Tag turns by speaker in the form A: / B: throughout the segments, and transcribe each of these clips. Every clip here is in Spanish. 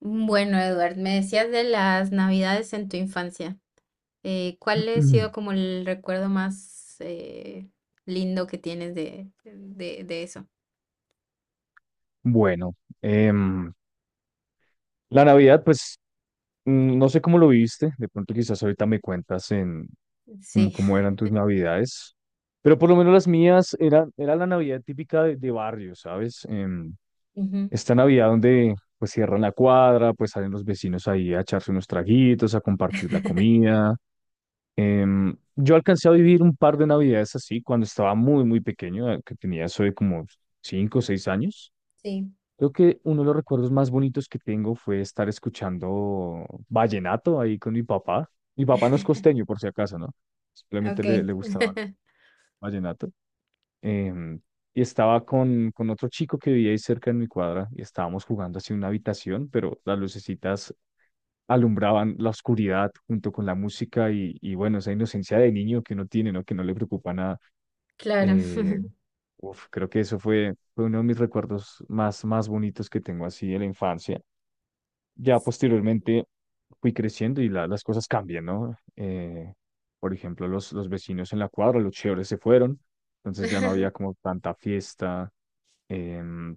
A: Bueno, Edward, me decías de las navidades en tu infancia. ¿Cuál ha
B: Mm.
A: sido como el recuerdo más lindo que tienes de eso?
B: Bueno, em, la Navidad, pues no sé cómo lo viviste, de pronto quizás ahorita me cuentas en cómo,
A: Sí.
B: cómo eran tus Navidades, pero por lo menos las mías era la Navidad típica de barrio, ¿sabes?
A: Ujú,
B: Esta Navidad donde pues cierran la cuadra, pues salen los vecinos ahí a echarse unos traguitos, a compartir la comida. Yo alcancé a vivir un par de Navidades así cuando estaba muy, muy pequeño, que tenía eso de como 5 o 6 años.
A: sí,
B: Creo que uno de los recuerdos más bonitos que tengo fue estar escuchando vallenato ahí con mi papá. Mi papá no es costeño, por si acaso, ¿no? Simplemente
A: ok.
B: le gustaba vallenato. Em, y estaba con otro chico que vivía ahí cerca en mi cuadra y estábamos jugando así en una habitación, pero las lucecitas alumbraban la oscuridad junto con la música y bueno, esa inocencia de niño que uno tiene, ¿no? Que no le preocupa nada.
A: Claro.
B: Eh, uf, creo que eso fue uno de mis recuerdos más, más bonitos que tengo así de la infancia. Ya posteriormente fui creciendo y las cosas cambian, ¿no? Por ejemplo, los vecinos en la cuadra, los chéveres se fueron, entonces ya no había como tanta fiesta. em,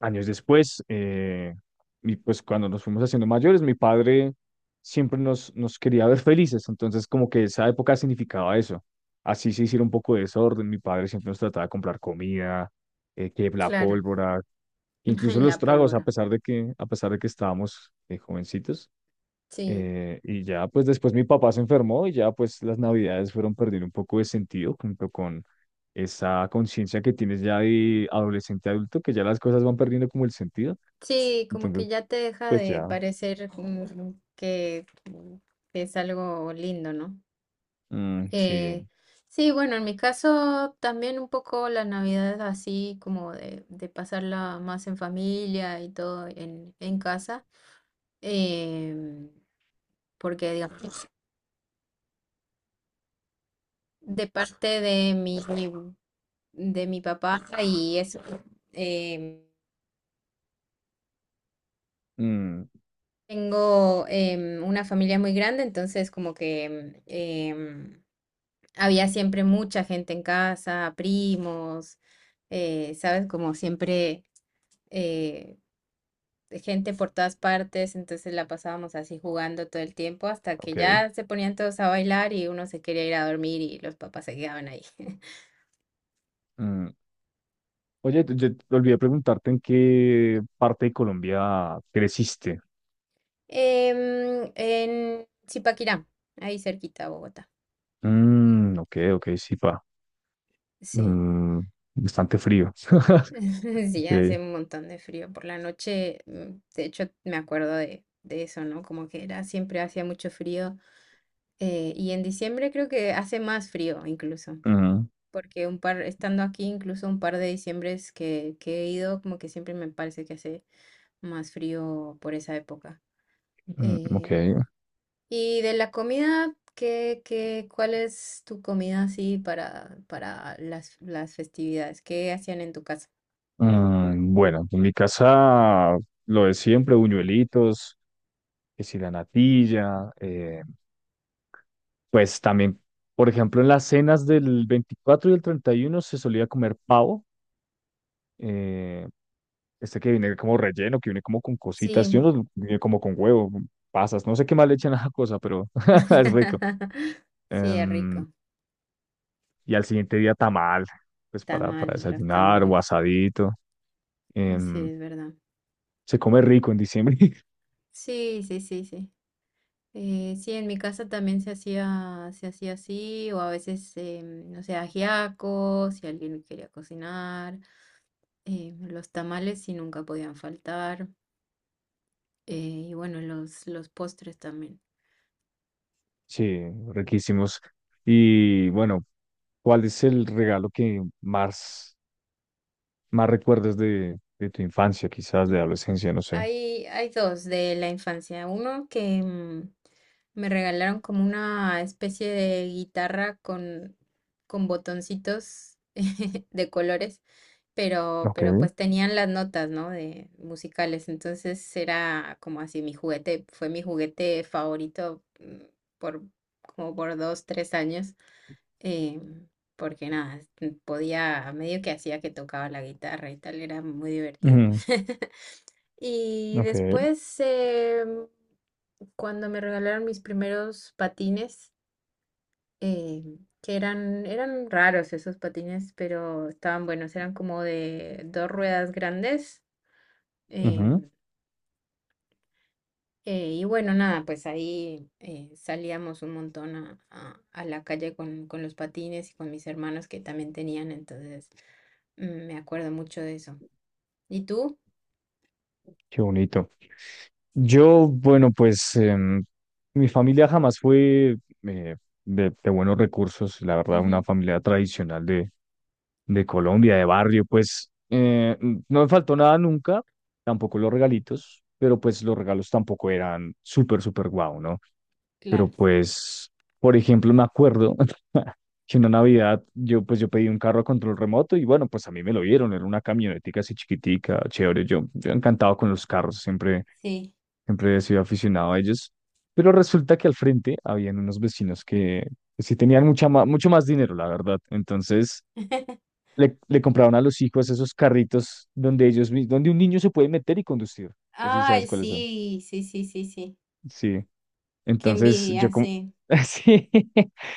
B: Años después, y pues cuando nos fuimos haciendo mayores, mi padre siempre nos quería ver felices, entonces como que esa época significaba eso. Así se hiciera un poco de desorden, mi padre siempre nos trataba de comprar comida, que la
A: Claro.
B: pólvora, incluso los
A: La
B: tragos, a
A: pólvora.
B: pesar de que, a pesar de que estábamos jovencitos,
A: Sí.
B: y ya, pues después mi papá se enfermó y ya, pues las navidades fueron perdiendo un poco de sentido junto con esa conciencia que tienes ya de adolescente adulto, que ya las cosas van perdiendo como el sentido.
A: Sí, como
B: Entonces,
A: que ya te deja
B: pues
A: de
B: ya.
A: parecer como que, que es algo lindo, ¿no?
B: Mm, sí.
A: Eh, sí, bueno, en mi caso también un poco la Navidad es así como de pasarla más en familia y todo en casa, em, porque digamos, de parte de mi, de mi papá y eso, eh,
B: Mm.
A: tengo una familia muy grande, entonces como que había siempre mucha gente en casa, primos, ¿sabes? Como siempre... eh, gente por todas partes, entonces la pasábamos así jugando todo el tiempo hasta que
B: Ok.
A: ya se ponían todos a bailar y uno se quería ir a dormir y los papás se quedaban ahí.
B: Mm. Oye, yo te olvidé preguntarte en qué parte de Colombia creciste.
A: Em, en Zipaquirá, ahí cerquita a Bogotá.
B: Mm, ok, ok, sí, pa.
A: Sí.
B: Mm, bastante frío.
A: Sí,
B: Ok.
A: hace un montón de frío por la noche. De hecho, me acuerdo de eso, ¿no? Como que era siempre hacía mucho frío. Y en diciembre creo que hace más frío incluso.
B: Mm.
A: Porque un par, estando aquí, incluso un par de diciembres que he ido, como que siempre me parece que hace más frío por esa época.
B: Mm. Ok.
A: Eh, y de la comida, ¿cuál es tu comida así para las festividades? ¿Qué hacían en tu casa?
B: Mm, bueno, en mi casa lo de siempre, buñuelitos, que si la natilla, pues también, por ejemplo, en las cenas del 24 y el 31 se solía comer pavo, eh, este que viene como relleno, que viene como con cositas, yo
A: Sí,
B: no, viene como con huevo, con pasas, no sé qué más le echan a esa cosa, pero es rico.
A: sí, es
B: Em,
A: rico.
B: y al siguiente día tamal, pues para
A: Tamal, los
B: desayunar o
A: tamales.
B: asadito,
A: Así
B: em,
A: es verdad.
B: se come rico en diciembre.
A: Sí, sí, sí, sí. Sí, en mi casa también se hacía así, o a veces, no sé, ajiaco, si alguien quería cocinar, los tamales sí nunca podían faltar, eh, y bueno, los postres también.
B: Sí, riquísimos. Y bueno, ¿cuál es el regalo que más recuerdas de tu infancia, quizás
A: Mm,
B: de adolescencia? No sé.
A: hay dos de la infancia, uno que me regalaron como una especie de guitarra con botoncitos de colores. Pero
B: Ok.
A: pues tenían las notas, ¿no? De musicales, entonces era como así mi juguete, fue mi juguete favorito por como por dos, tres años, eh, porque nada, podía, medio que hacía que tocaba la guitarra y tal, era muy divertido.
B: Ujú.
A: Y
B: Ok.
A: después, cuando me regalaron mis primeros patines, que eran, eran raros esos patines, pero estaban buenos, eran como de dos ruedas grandes.
B: Ujú.
A: em, y bueno, nada, pues ahí salíamos un montón a la calle con los patines y con mis hermanos que también tenían, entonces me acuerdo mucho de eso. ¿Y tú?
B: Qué bonito. Yo, bueno, pues mi familia jamás fue eh, de buenos recursos, la verdad, una
A: Ujú,
B: familia tradicional de Colombia, de barrio, pues no me faltó nada nunca, tampoco los regalitos, pero pues los regalos tampoco eran súper, súper guau, ¿no? Pero
A: claro.
B: pues, por ejemplo, me acuerdo que una Navidad yo pedí un carro a control remoto y bueno, pues a mí me lo dieron, era una camionetica así chiquitica, chévere, yo encantado con los carros, siempre,
A: Sí.
B: siempre he sido aficionado a ellos. Pero resulta que al frente habían unos vecinos que sí tenían mucho más dinero, la verdad. Entonces le compraron a los hijos esos carritos donde un niño se puede meter y conducir. Así
A: Ay,
B: sabes cuáles son.
A: sí, sí, sí, sí, sí.
B: Sí.
A: Qué
B: Entonces yo
A: envidia,
B: como,
A: sí.
B: sí,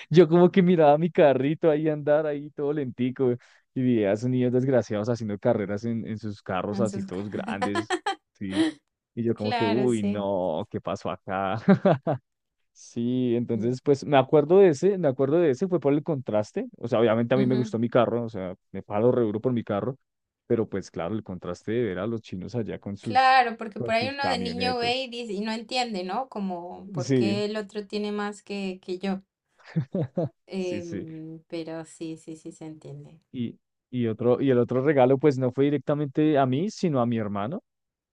B: yo como que miraba mi carrito ahí andar ahí todo lentico y veía a esos niños desgraciados haciendo carreras en sus carros
A: En
B: así
A: sus... ca-
B: todos grandes, sí. Y yo como que,
A: Claro,
B: uy,
A: sí.
B: no, ¿qué pasó acá? Sí,
A: Mm.
B: entonces pues me acuerdo de ese, fue por el contraste, o sea, obviamente a mí me
A: Ujú.
B: gustó mi carro, o sea, me palo re duro por mi carro, pero pues claro, el contraste de ver a los chinos allá con sus,
A: Claro, porque
B: con
A: por ahí
B: sus
A: uno de niño
B: camionetas,
A: ve y dice, y no entiende, ¿no? Como por
B: sí.
A: qué el otro tiene más que yo.
B: Sí, sí.
A: Pero sí, sí, sí se entiende.
B: Y, y el otro regalo, pues no fue directamente a mí, sino a mi hermano,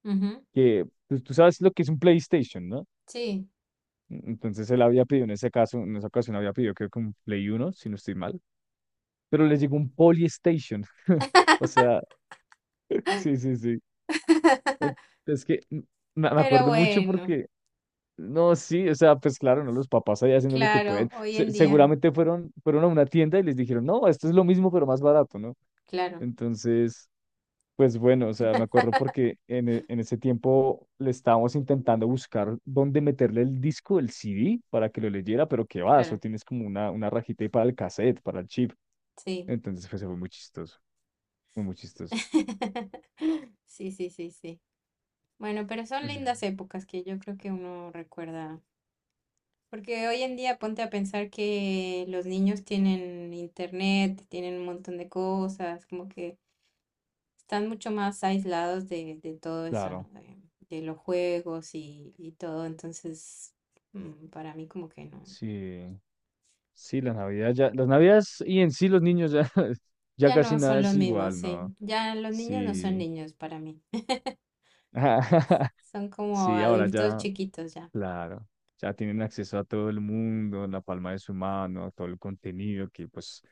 A: Ujú,
B: que pues, tú sabes lo que es un PlayStation, ¿no?
A: sí.
B: Entonces él había pedido en ese caso, en esa ocasión había pedido creo que un Play Uno si no estoy mal, pero le llegó un Polystation. O sea, sí, sí, sí. En- Es que me
A: Pero
B: acuerdo mucho
A: bueno,
B: porque, no, sí, o sea, pues claro, no, los papás allá haciendo lo que
A: claro,
B: pueden.
A: hoy
B: Se-
A: en día,
B: seguramente fueron a una tienda y les dijeron, no, esto es lo mismo, pero más barato, ¿no?
A: claro,
B: Entonces, pues bueno, o sea, me acuerdo porque en ese tiempo le estábamos intentando buscar dónde meterle el disco, el CD, para que lo leyera, pero qué va, eso
A: claro,
B: tienes como una rajita ahí para el cassette, para el chip.
A: sí.
B: Entonces, pues fue muy chistoso, fue muy chistoso.
A: Sí, sí, sí, sí. Bueno, pero son
B: Ujú.
A: lindas épocas que yo creo que uno recuerda. Porque hoy en día ponte a pensar que los niños tienen internet, tienen un montón de cosas, como que están mucho más aislados de todo eso,
B: Claro,
A: ¿no? De los juegos y todo. Entonces, para mí como que no.
B: sí, sí, las Navidades y en sí los niños ya, ya
A: Ya
B: casi
A: no
B: nada
A: son los
B: es
A: mismos,
B: igual, ¿no?
A: sí. Ya los niños no son
B: Sí,
A: niños para mí. Son como
B: sí, ahora
A: adultos
B: ya.
A: chiquitos ya.
B: Claro, ya tienen acceso a todo el mundo, en la palma de su mano, a todo el contenido, que pues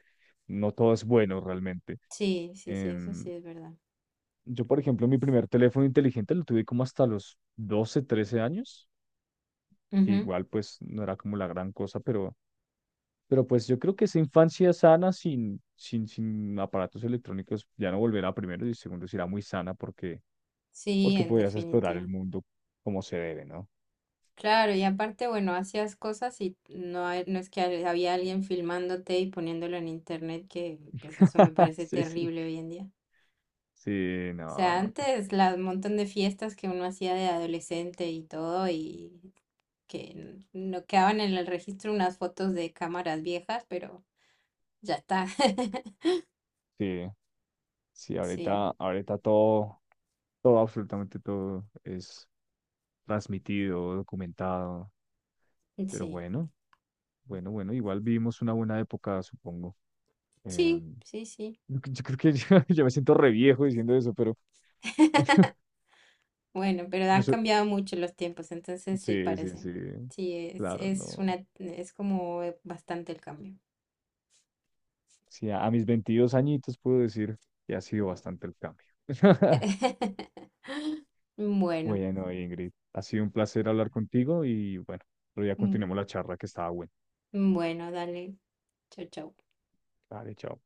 B: no todo es bueno realmente.
A: Sí, sí, sí, eso
B: Em,
A: sí es verdad.
B: yo, por ejemplo, mi primer teléfono inteligente lo tuve como hasta los 12, 13 años, que
A: Ujú.
B: igual pues no era como la gran cosa, pero, pues yo creo que esa infancia sana sin aparatos electrónicos ya no volverá primero y segundo será muy sana porque,
A: Sí, en
B: podías explorar el
A: definitiva.
B: mundo como se debe, ¿no?
A: Claro, y aparte, bueno, hacías cosas y no, no es que había alguien filmándote y poniéndolo en internet, que pues eso me parece
B: Sí, sí.
A: terrible hoy en día.
B: Sí,
A: O
B: no,
A: sea,
B: no. No.
A: antes la montón de fiestas que uno hacía de adolescente y todo, y que no quedaban en el registro unas fotos de cámaras viejas, pero ya está.
B: Sí, sí,
A: Sí,
B: ahorita, ahorita todo, todo, absolutamente todo es transmitido, documentado, pero
A: sí,
B: bueno, bueno, bueno, igual vivimos una buena época, supongo. Eh,
A: sí, sí, sí.
B: yo, creo que yo ya me siento re viejo diciendo eso, pero
A: Bueno, pero
B: yo
A: han
B: soy-
A: cambiado mucho los tiempos, entonces sí
B: sí, sí,
A: parece.
B: sí,
A: Sí,
B: claro, no.
A: es una, es como bastante el cambio.
B: Sí, a mis 22 añitos puedo decir que ha sido bastante el cambio.
A: Bueno,
B: Bueno, Ingrid, ha sido un placer hablar contigo y bueno, otro día continuemos
A: mm,
B: la charla que estaba buena.
A: bueno, dale. Chao, chao.
B: Vale, chao.